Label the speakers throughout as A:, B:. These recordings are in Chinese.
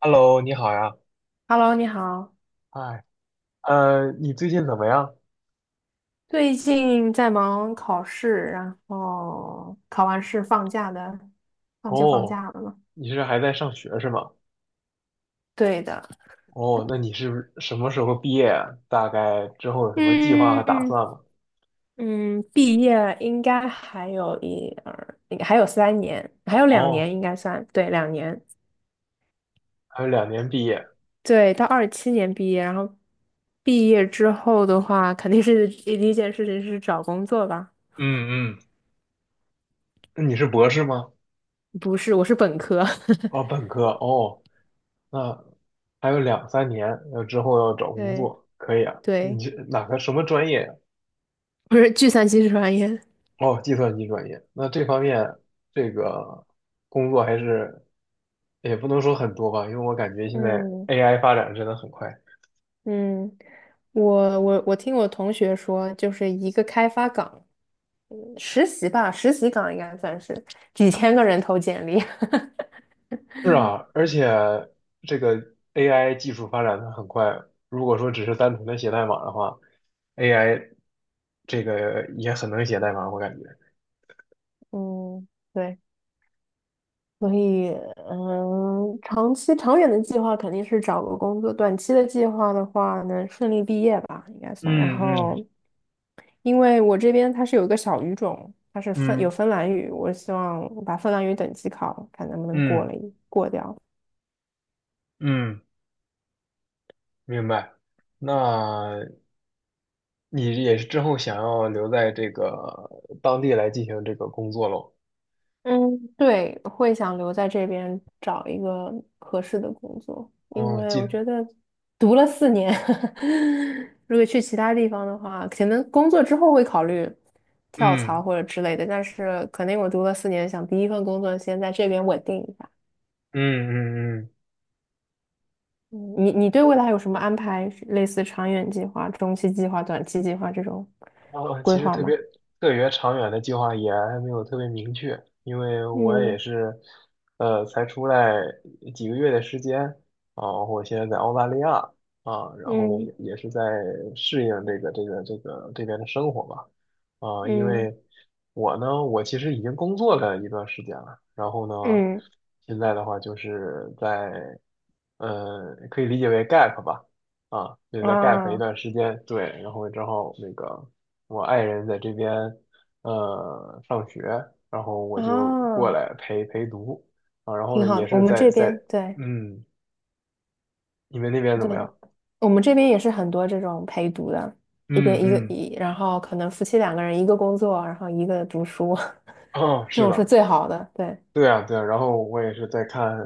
A: Hello，你好呀，
B: Hello，你好。
A: 嗨，你最近怎么样？
B: 最近在忙考试，然后考完试放假的，放
A: 哦，
B: 假了嘛。
A: 你是还在上学是吗？
B: 对的，
A: 哦，那你是不是什么时候毕业啊大概之后有什么计划和打
B: 嗯
A: 算吗？
B: 嗯，毕业应该还有3年，还有两年
A: 哦，
B: 应该算，对，两年，
A: 还有两年毕业。
B: 对，到27年毕业，然后毕业之后的话，肯定是第一件事情是找工作吧？
A: 嗯，那你是博士吗？
B: 不是，我是本科，
A: 哦，本科。哦，那还有两三年，之后要找 工
B: 对
A: 作，可以啊。你
B: 对，
A: 是哪个什么专业呀？
B: 我是计算机专业，
A: 哦，计算机专业，那这方面这个工作还是也不能说很多吧，因为我感觉现在
B: 嗯。
A: AI 发展真的很快。
B: 嗯，我听我同学说，就是一个开发岗实习吧，实习岗应该算是几千个人投简历。
A: 是啊，而且这个 AI 技术发展的很快，如果说只是单纯的写代码的话，AI 这个也很能写代码，我感觉。
B: 嗯，对，所以长期长远的计划肯定是找个工作，短期的计划的话能顺利毕业吧，应该算。然
A: 嗯
B: 后，
A: 嗯
B: 因为我这边它是有一个小语种，它是芬有
A: 嗯
B: 芬兰语，我希望把芬兰语等级考，看能不能过
A: 嗯
B: 了一过掉。
A: 嗯，明白。那你也是之后想要留在这个当地来进行这个工作喽？
B: 嗯，对，会想留在这边找一个合适的工作，因
A: 哦，
B: 为
A: 记
B: 我
A: 得，
B: 觉得读了四年，如果去其他地方的话，可能工作之后会考虑跳槽
A: 嗯
B: 或者之类的，但是肯定我读了四年，想第一份工作先在这边稳定一下。
A: 嗯。
B: 嗯，你对未来有什么安排？类似长远计划、中期计划、短期计划这种
A: 然后
B: 规
A: 其实
B: 划吗？
A: 特别长远的计划也还没有特别明确，因为我也
B: 嗯
A: 是，才出来几个月的时间啊，我现在在澳大利亚啊，然后呢
B: 嗯
A: 也是在适应这个这边的生活吧，啊，因
B: 嗯
A: 为我呢，我其实已经工作了一段时间了，然后呢，
B: 嗯
A: 现在的话就是在，可以理解为 gap 吧。啊，对，在 gap 一
B: 啊
A: 段时间，对，然后正好那个我爱人在这边上学，然后我就过
B: 啊！
A: 来陪读啊，然后
B: 挺
A: 呢
B: 好
A: 也
B: 的。我
A: 是
B: 们
A: 在
B: 这
A: 在
B: 边对
A: 嗯，你们那边怎
B: 对，
A: 么样？
B: 我们这边也是很多这种陪读的，一
A: 嗯
B: 边一个
A: 嗯，
B: 一，然后可能夫妻2个人一个工作，然后一个读书，
A: 哦，
B: 这
A: 是
B: 种是
A: 的，
B: 最好的。对，
A: 对啊，对啊，然后我也是在看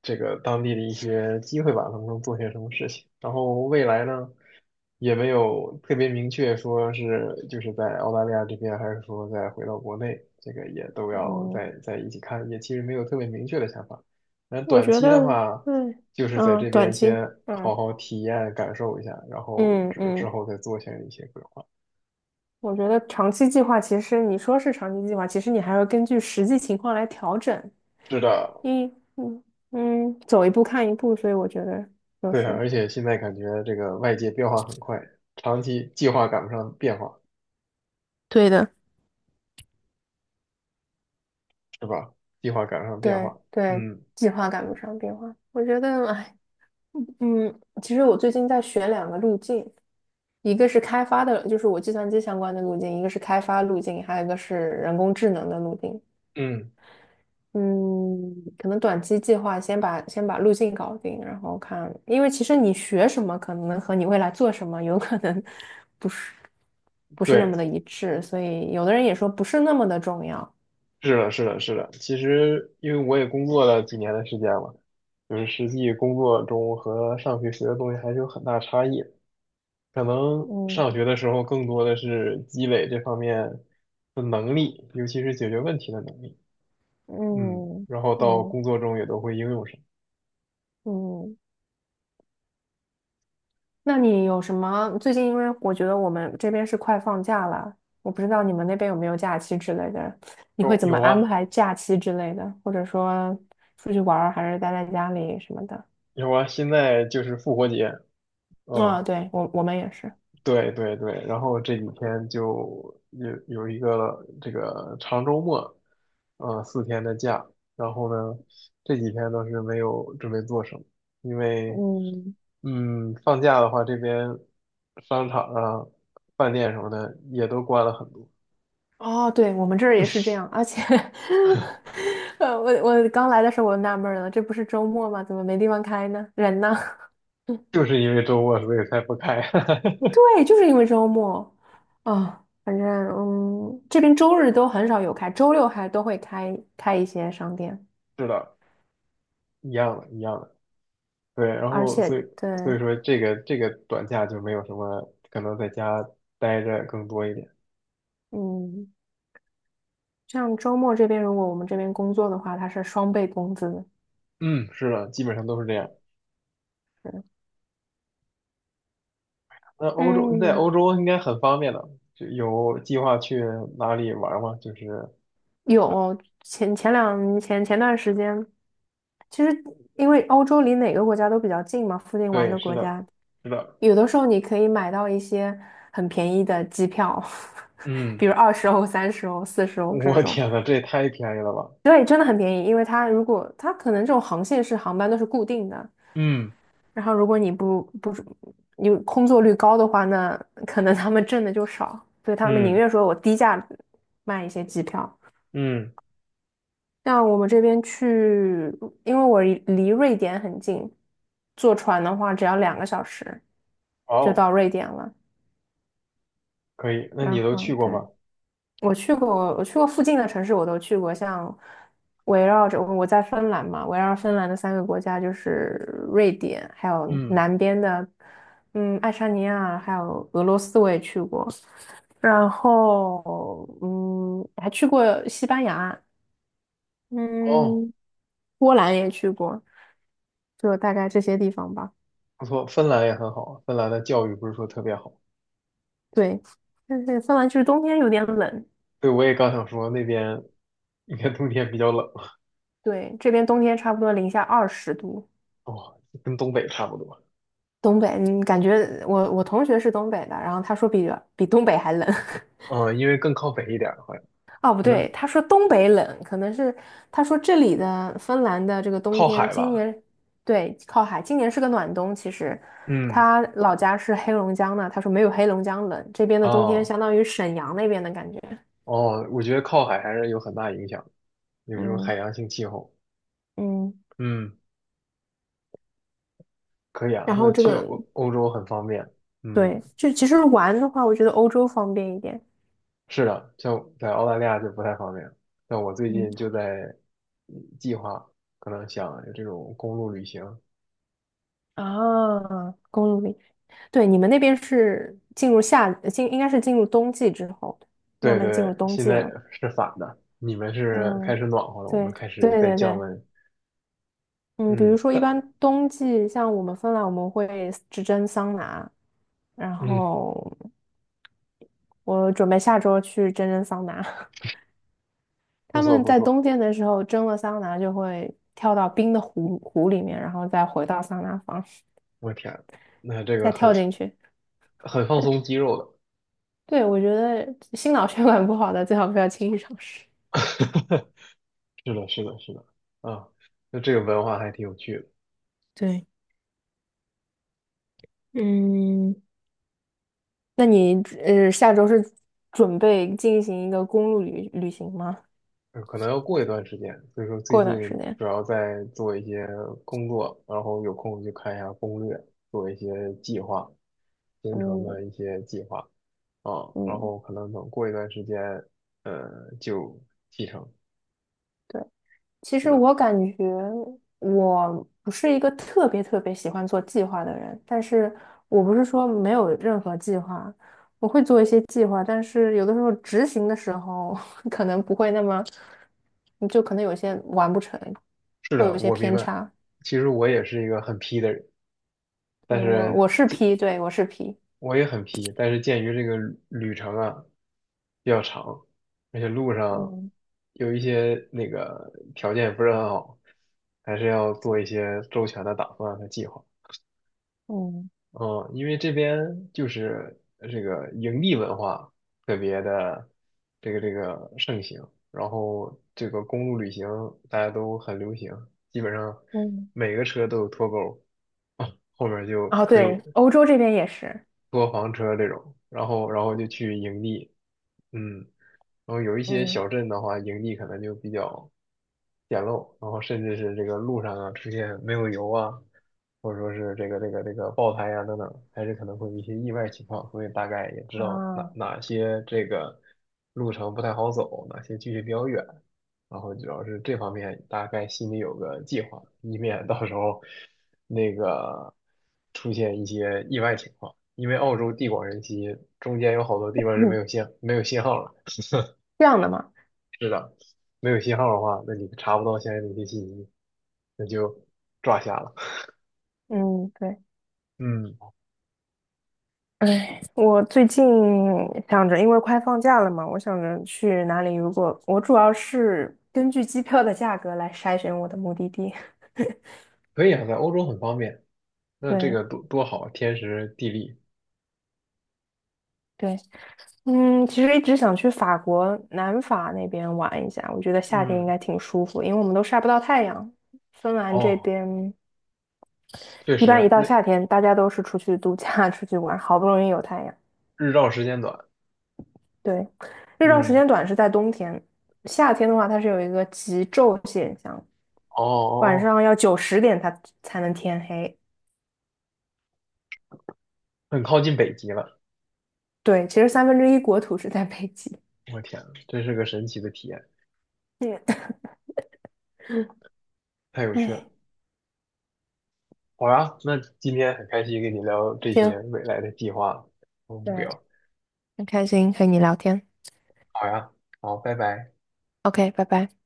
A: 这个当地的一些机会吧，能不能做些什么事情。然后未来呢，也没有特别明确说是就是在澳大利亚这边，还是说再回到国内，这个也都要
B: 嗯，
A: 再一起看，也其实没有特别明确的想法。那
B: 我
A: 短
B: 觉
A: 期的
B: 得
A: 话，
B: 对，
A: 就是在
B: 嗯，
A: 这
B: 短
A: 边先
B: 期，
A: 好
B: 嗯
A: 好体验感受一下，然后
B: 嗯
A: 之
B: 嗯，
A: 后再做下一些规划。
B: 我觉得长期计划其实你说是长期计划，其实你还要根据实际情况来调整。
A: 是的，
B: 一嗯嗯，走一步看一步，所以我觉得就
A: 对啊，
B: 是。
A: 而且现在感觉这个外界变化很快，长期计划赶不上变化。
B: 对的。
A: 是吧？计划赶上变
B: 对
A: 化。
B: 对，
A: 嗯
B: 计划赶不上变化。我觉得，哎，其实我最近在选两个路径，一个是开发的，就是我计算机相关的路径，一个是开发路径，还有一个是人工智能的路径。
A: 嗯，
B: 嗯，可能短期计划先把路径搞定，然后看，因为其实你学什么可能和你未来做什么有可能不是不是那
A: 对，
B: 么的一致，所以有的人也说不是那么的重要。
A: 是的。其实因为我也工作了几年的时间了，就是实际工作中和上学学的东西还是有很大差异。可能上
B: 嗯
A: 学的时候更多的是积累这方面的能力，尤其是解决问题的能力。嗯，
B: 嗯
A: 然后到
B: 嗯
A: 工作中也都会应用上。
B: 嗯，那你有什么？最近因为我觉得我们这边是快放假了，我不知道你们那边有没有假期之类的，你会
A: 有
B: 怎么
A: 有
B: 安
A: 啊
B: 排假期之类的，或者说出去玩儿还是待在家里什么的？
A: 有啊，现在就是复活节，嗯。
B: 啊、对，我们也是，
A: 对对对，然后这几天就有一个这个长周末，嗯，四天的假，然后呢，这几天倒是没有准备做什么，因为，
B: 嗯，
A: 嗯，放假的话，这边商场啊、饭店什么的也都关了很多，
B: 哦，对，我们这儿也是这样，而且 我刚来的时候我就纳闷儿了，这不是周末吗？怎么没地方开呢？人呢？
A: 就是因为周末所以才不开。
B: 对，就是因为周末，啊、反正嗯，这边周日都很少有开，周六还都会开开一些商店，
A: 是的，一样的，对，然
B: 而
A: 后
B: 且
A: 所
B: 对，
A: 以说这个这个短假就没有什么，可能在家待着更多一点。
B: 嗯，像周末这边，如果我们这边工作的话，它是双倍工资的。
A: 嗯，是的，基本上都是这样。那欧洲，你在欧
B: 嗯，
A: 洲应该很方便的，就有计划去哪里玩吗？就是，
B: 有前前两前前段时间，其实因为欧洲离哪个国家都比较近嘛，附近玩
A: 对，
B: 的国家，
A: 是的，
B: 有的时候你可以买到一些很便宜的机票，
A: 嗯，
B: 比如20欧、30欧、四十 欧这
A: 我
B: 种。
A: 天呐，这也太便宜了吧！
B: 对，真的很便宜，因为它如果它可能这种航线是航班都是固定的，
A: 嗯
B: 然后如果你不是你空座率高的话，那可能他们挣的就少，所以他们宁
A: 嗯
B: 愿说我低价卖一些机票。
A: 嗯，
B: 像我们这边去，因为我离瑞典很近，坐船的话只要2个小时就到
A: 哦，
B: 瑞典了。
A: 可以，那
B: 然
A: 你都
B: 后
A: 去过
B: 对。
A: 吗？
B: 我去过，我去过附近的城市，我都去过。像围绕着我在芬兰嘛，围绕芬兰的3个国家就是瑞典，还有
A: 嗯，
B: 南边的爱沙尼亚，还有俄罗斯，我也去过。然后嗯，还去过西班牙，
A: 哦，
B: 嗯，波兰也去过，就大概这些地方吧。
A: 不错，芬兰也很好啊，芬兰的教育不是说特别好。
B: 对，但是芬兰就是冬天有点冷，
A: 对，我也刚想说那边你看冬天比较冷，
B: 对，这边冬天差不多零下20度。
A: 哇，跟东北差不多。
B: 东北，嗯，感觉我同学是东北的，然后他说比东北还冷。
A: 嗯，因为更靠北一点儿，好像
B: 哦，不
A: 可
B: 对，
A: 能
B: 他说东北冷，可能是他说这里的芬兰的这个冬
A: 靠
B: 天，
A: 海
B: 今
A: 吧。
B: 年对靠海，今年是个暖冬。其实
A: 嗯。
B: 他老家是黑龙江的，他说没有黑龙江冷，这边的冬天
A: 哦
B: 相当于沈阳那边的感觉。
A: 哦，我觉得靠海还是有很大影响的，有时候海
B: 嗯
A: 洋性气候。
B: 嗯
A: 嗯，可以啊，
B: 然后
A: 那
B: 这
A: 去
B: 个
A: 欧洲很方便。嗯，
B: 对，就其实玩的话，我觉得欧洲方便一点。
A: 是的，像在澳大利亚就不太方便。但我最近就
B: 嗯。
A: 在计划，可能想有这种公路旅行。
B: 啊，公路里，对，你们那边是进入夏，进，应该是进入冬季之后，慢
A: 对
B: 慢进
A: 对，
B: 入冬
A: 现
B: 季
A: 在
B: 了。
A: 是反的，你们是
B: 嗯，
A: 开始暖和了，我们
B: 对，
A: 开
B: 对
A: 始在
B: 对
A: 降
B: 对，
A: 温。
B: 嗯，比如
A: 嗯，
B: 说一
A: 但
B: 般冬季，像我们芬兰，我们会只蒸桑拿，然
A: 嗯，
B: 后我准备下周去蒸蒸桑拿。
A: 不
B: 他
A: 错
B: 们
A: 不
B: 在
A: 错，
B: 冬天的时候蒸了桑拿，就会跳到冰的湖里面，然后再回到桑拿房，
A: 我天，那这个
B: 再跳进去。
A: 很放松肌肉的。
B: 对，我觉得心脑 血管不好的最好不要轻易尝试。
A: 是的，啊，那这个文化还挺有趣的，
B: 对。嗯，那你下周是准备进行一个公路旅行吗？
A: 可能要过一段时间，所以说最
B: 过一
A: 近
B: 段时间。
A: 主要在做一些工作，然后有空就看一下攻略，做一些计划，行程的
B: 嗯
A: 一些计划，啊，然
B: 嗯，
A: 后可能等过一段时间，就启程。
B: 对，其
A: 是
B: 实
A: 的，
B: 我感觉我不是一个特别特别喜欢做计划的人，但是我不是说没有任何计划，我会做一些计划，但是有的时候执行的时候 可能不会那么，你就可能有些完不成，
A: 是
B: 会
A: 的，
B: 有一些
A: 我明
B: 偏
A: 白。
B: 差。
A: 其实我也是一个很 P 的人，但
B: 对，我
A: 是。
B: 是 P，对，我是 P。
A: 我也很皮，但是鉴于这个旅程啊比较长，而且路上
B: 嗯
A: 有一些那个条件不是很好，还是要做一些周全的打算和计划。
B: 嗯
A: 嗯，因为这边就是这个营地文化特别的这个盛行，然后这个公路旅行大家都很流行，基本上
B: 嗯。
A: 每个车都有拖钩，啊，后面就
B: 哦，
A: 可以
B: 对，欧洲这边也是。
A: 坐房车这种，然后就去营地，嗯，然后有一些
B: 嗯
A: 小镇的话，营地可能就比较简陋，然后甚至是这个路上啊出现没有油啊，或者说是这个爆胎啊等等，还是可能会有一些意外情况，所以大概也知道
B: 啊，
A: 哪些这个路程不太好走，哪些距离比较远，然后主要是这方面大概心里有个计划，以免到时候那个出现一些意外情况。因为澳洲地广人稀，中间有好多地方是
B: 嗯，
A: 没有信号了。
B: 这样的嘛，
A: 是的，没有信号的话，那你查不到相应的一些信息，那就抓瞎了。
B: 嗯，对，
A: 嗯，
B: 哎，我最近想着，因为快放假了嘛，我想着去哪里。如果我主要是根据机票的价格来筛选我的目的地。
A: 可以啊，在欧洲很方便，那这
B: 对
A: 个多好啊，天时地利。
B: 对，嗯，其实一直想去法国南法那边玩一下，我觉得夏天应
A: 嗯
B: 该挺舒服，因为我们都晒不到太阳。芬兰这
A: 哦，
B: 边
A: 确
B: 一般一
A: 实，
B: 到
A: 那
B: 夏天，大家都是出去度假、出去玩，好不容易有太阳。
A: 日照时间短。
B: 对，日照时
A: 嗯，
B: 间短是在冬天，夏天的话它是有一个极昼现象，晚
A: 哦，
B: 上要9、10点它才能天黑。
A: 很靠近北极了。
B: 对，其实1/3国土是在北极。
A: 我天呐，真是个神奇的体验，
B: 嗯，
A: 太有趣
B: 哎，
A: 了。好呀，那今天很开心跟你聊这
B: 行，
A: 些未来的计划和目
B: 对，
A: 标。
B: 很开心和你聊天。
A: 好呀，好，拜拜。
B: OK，拜拜。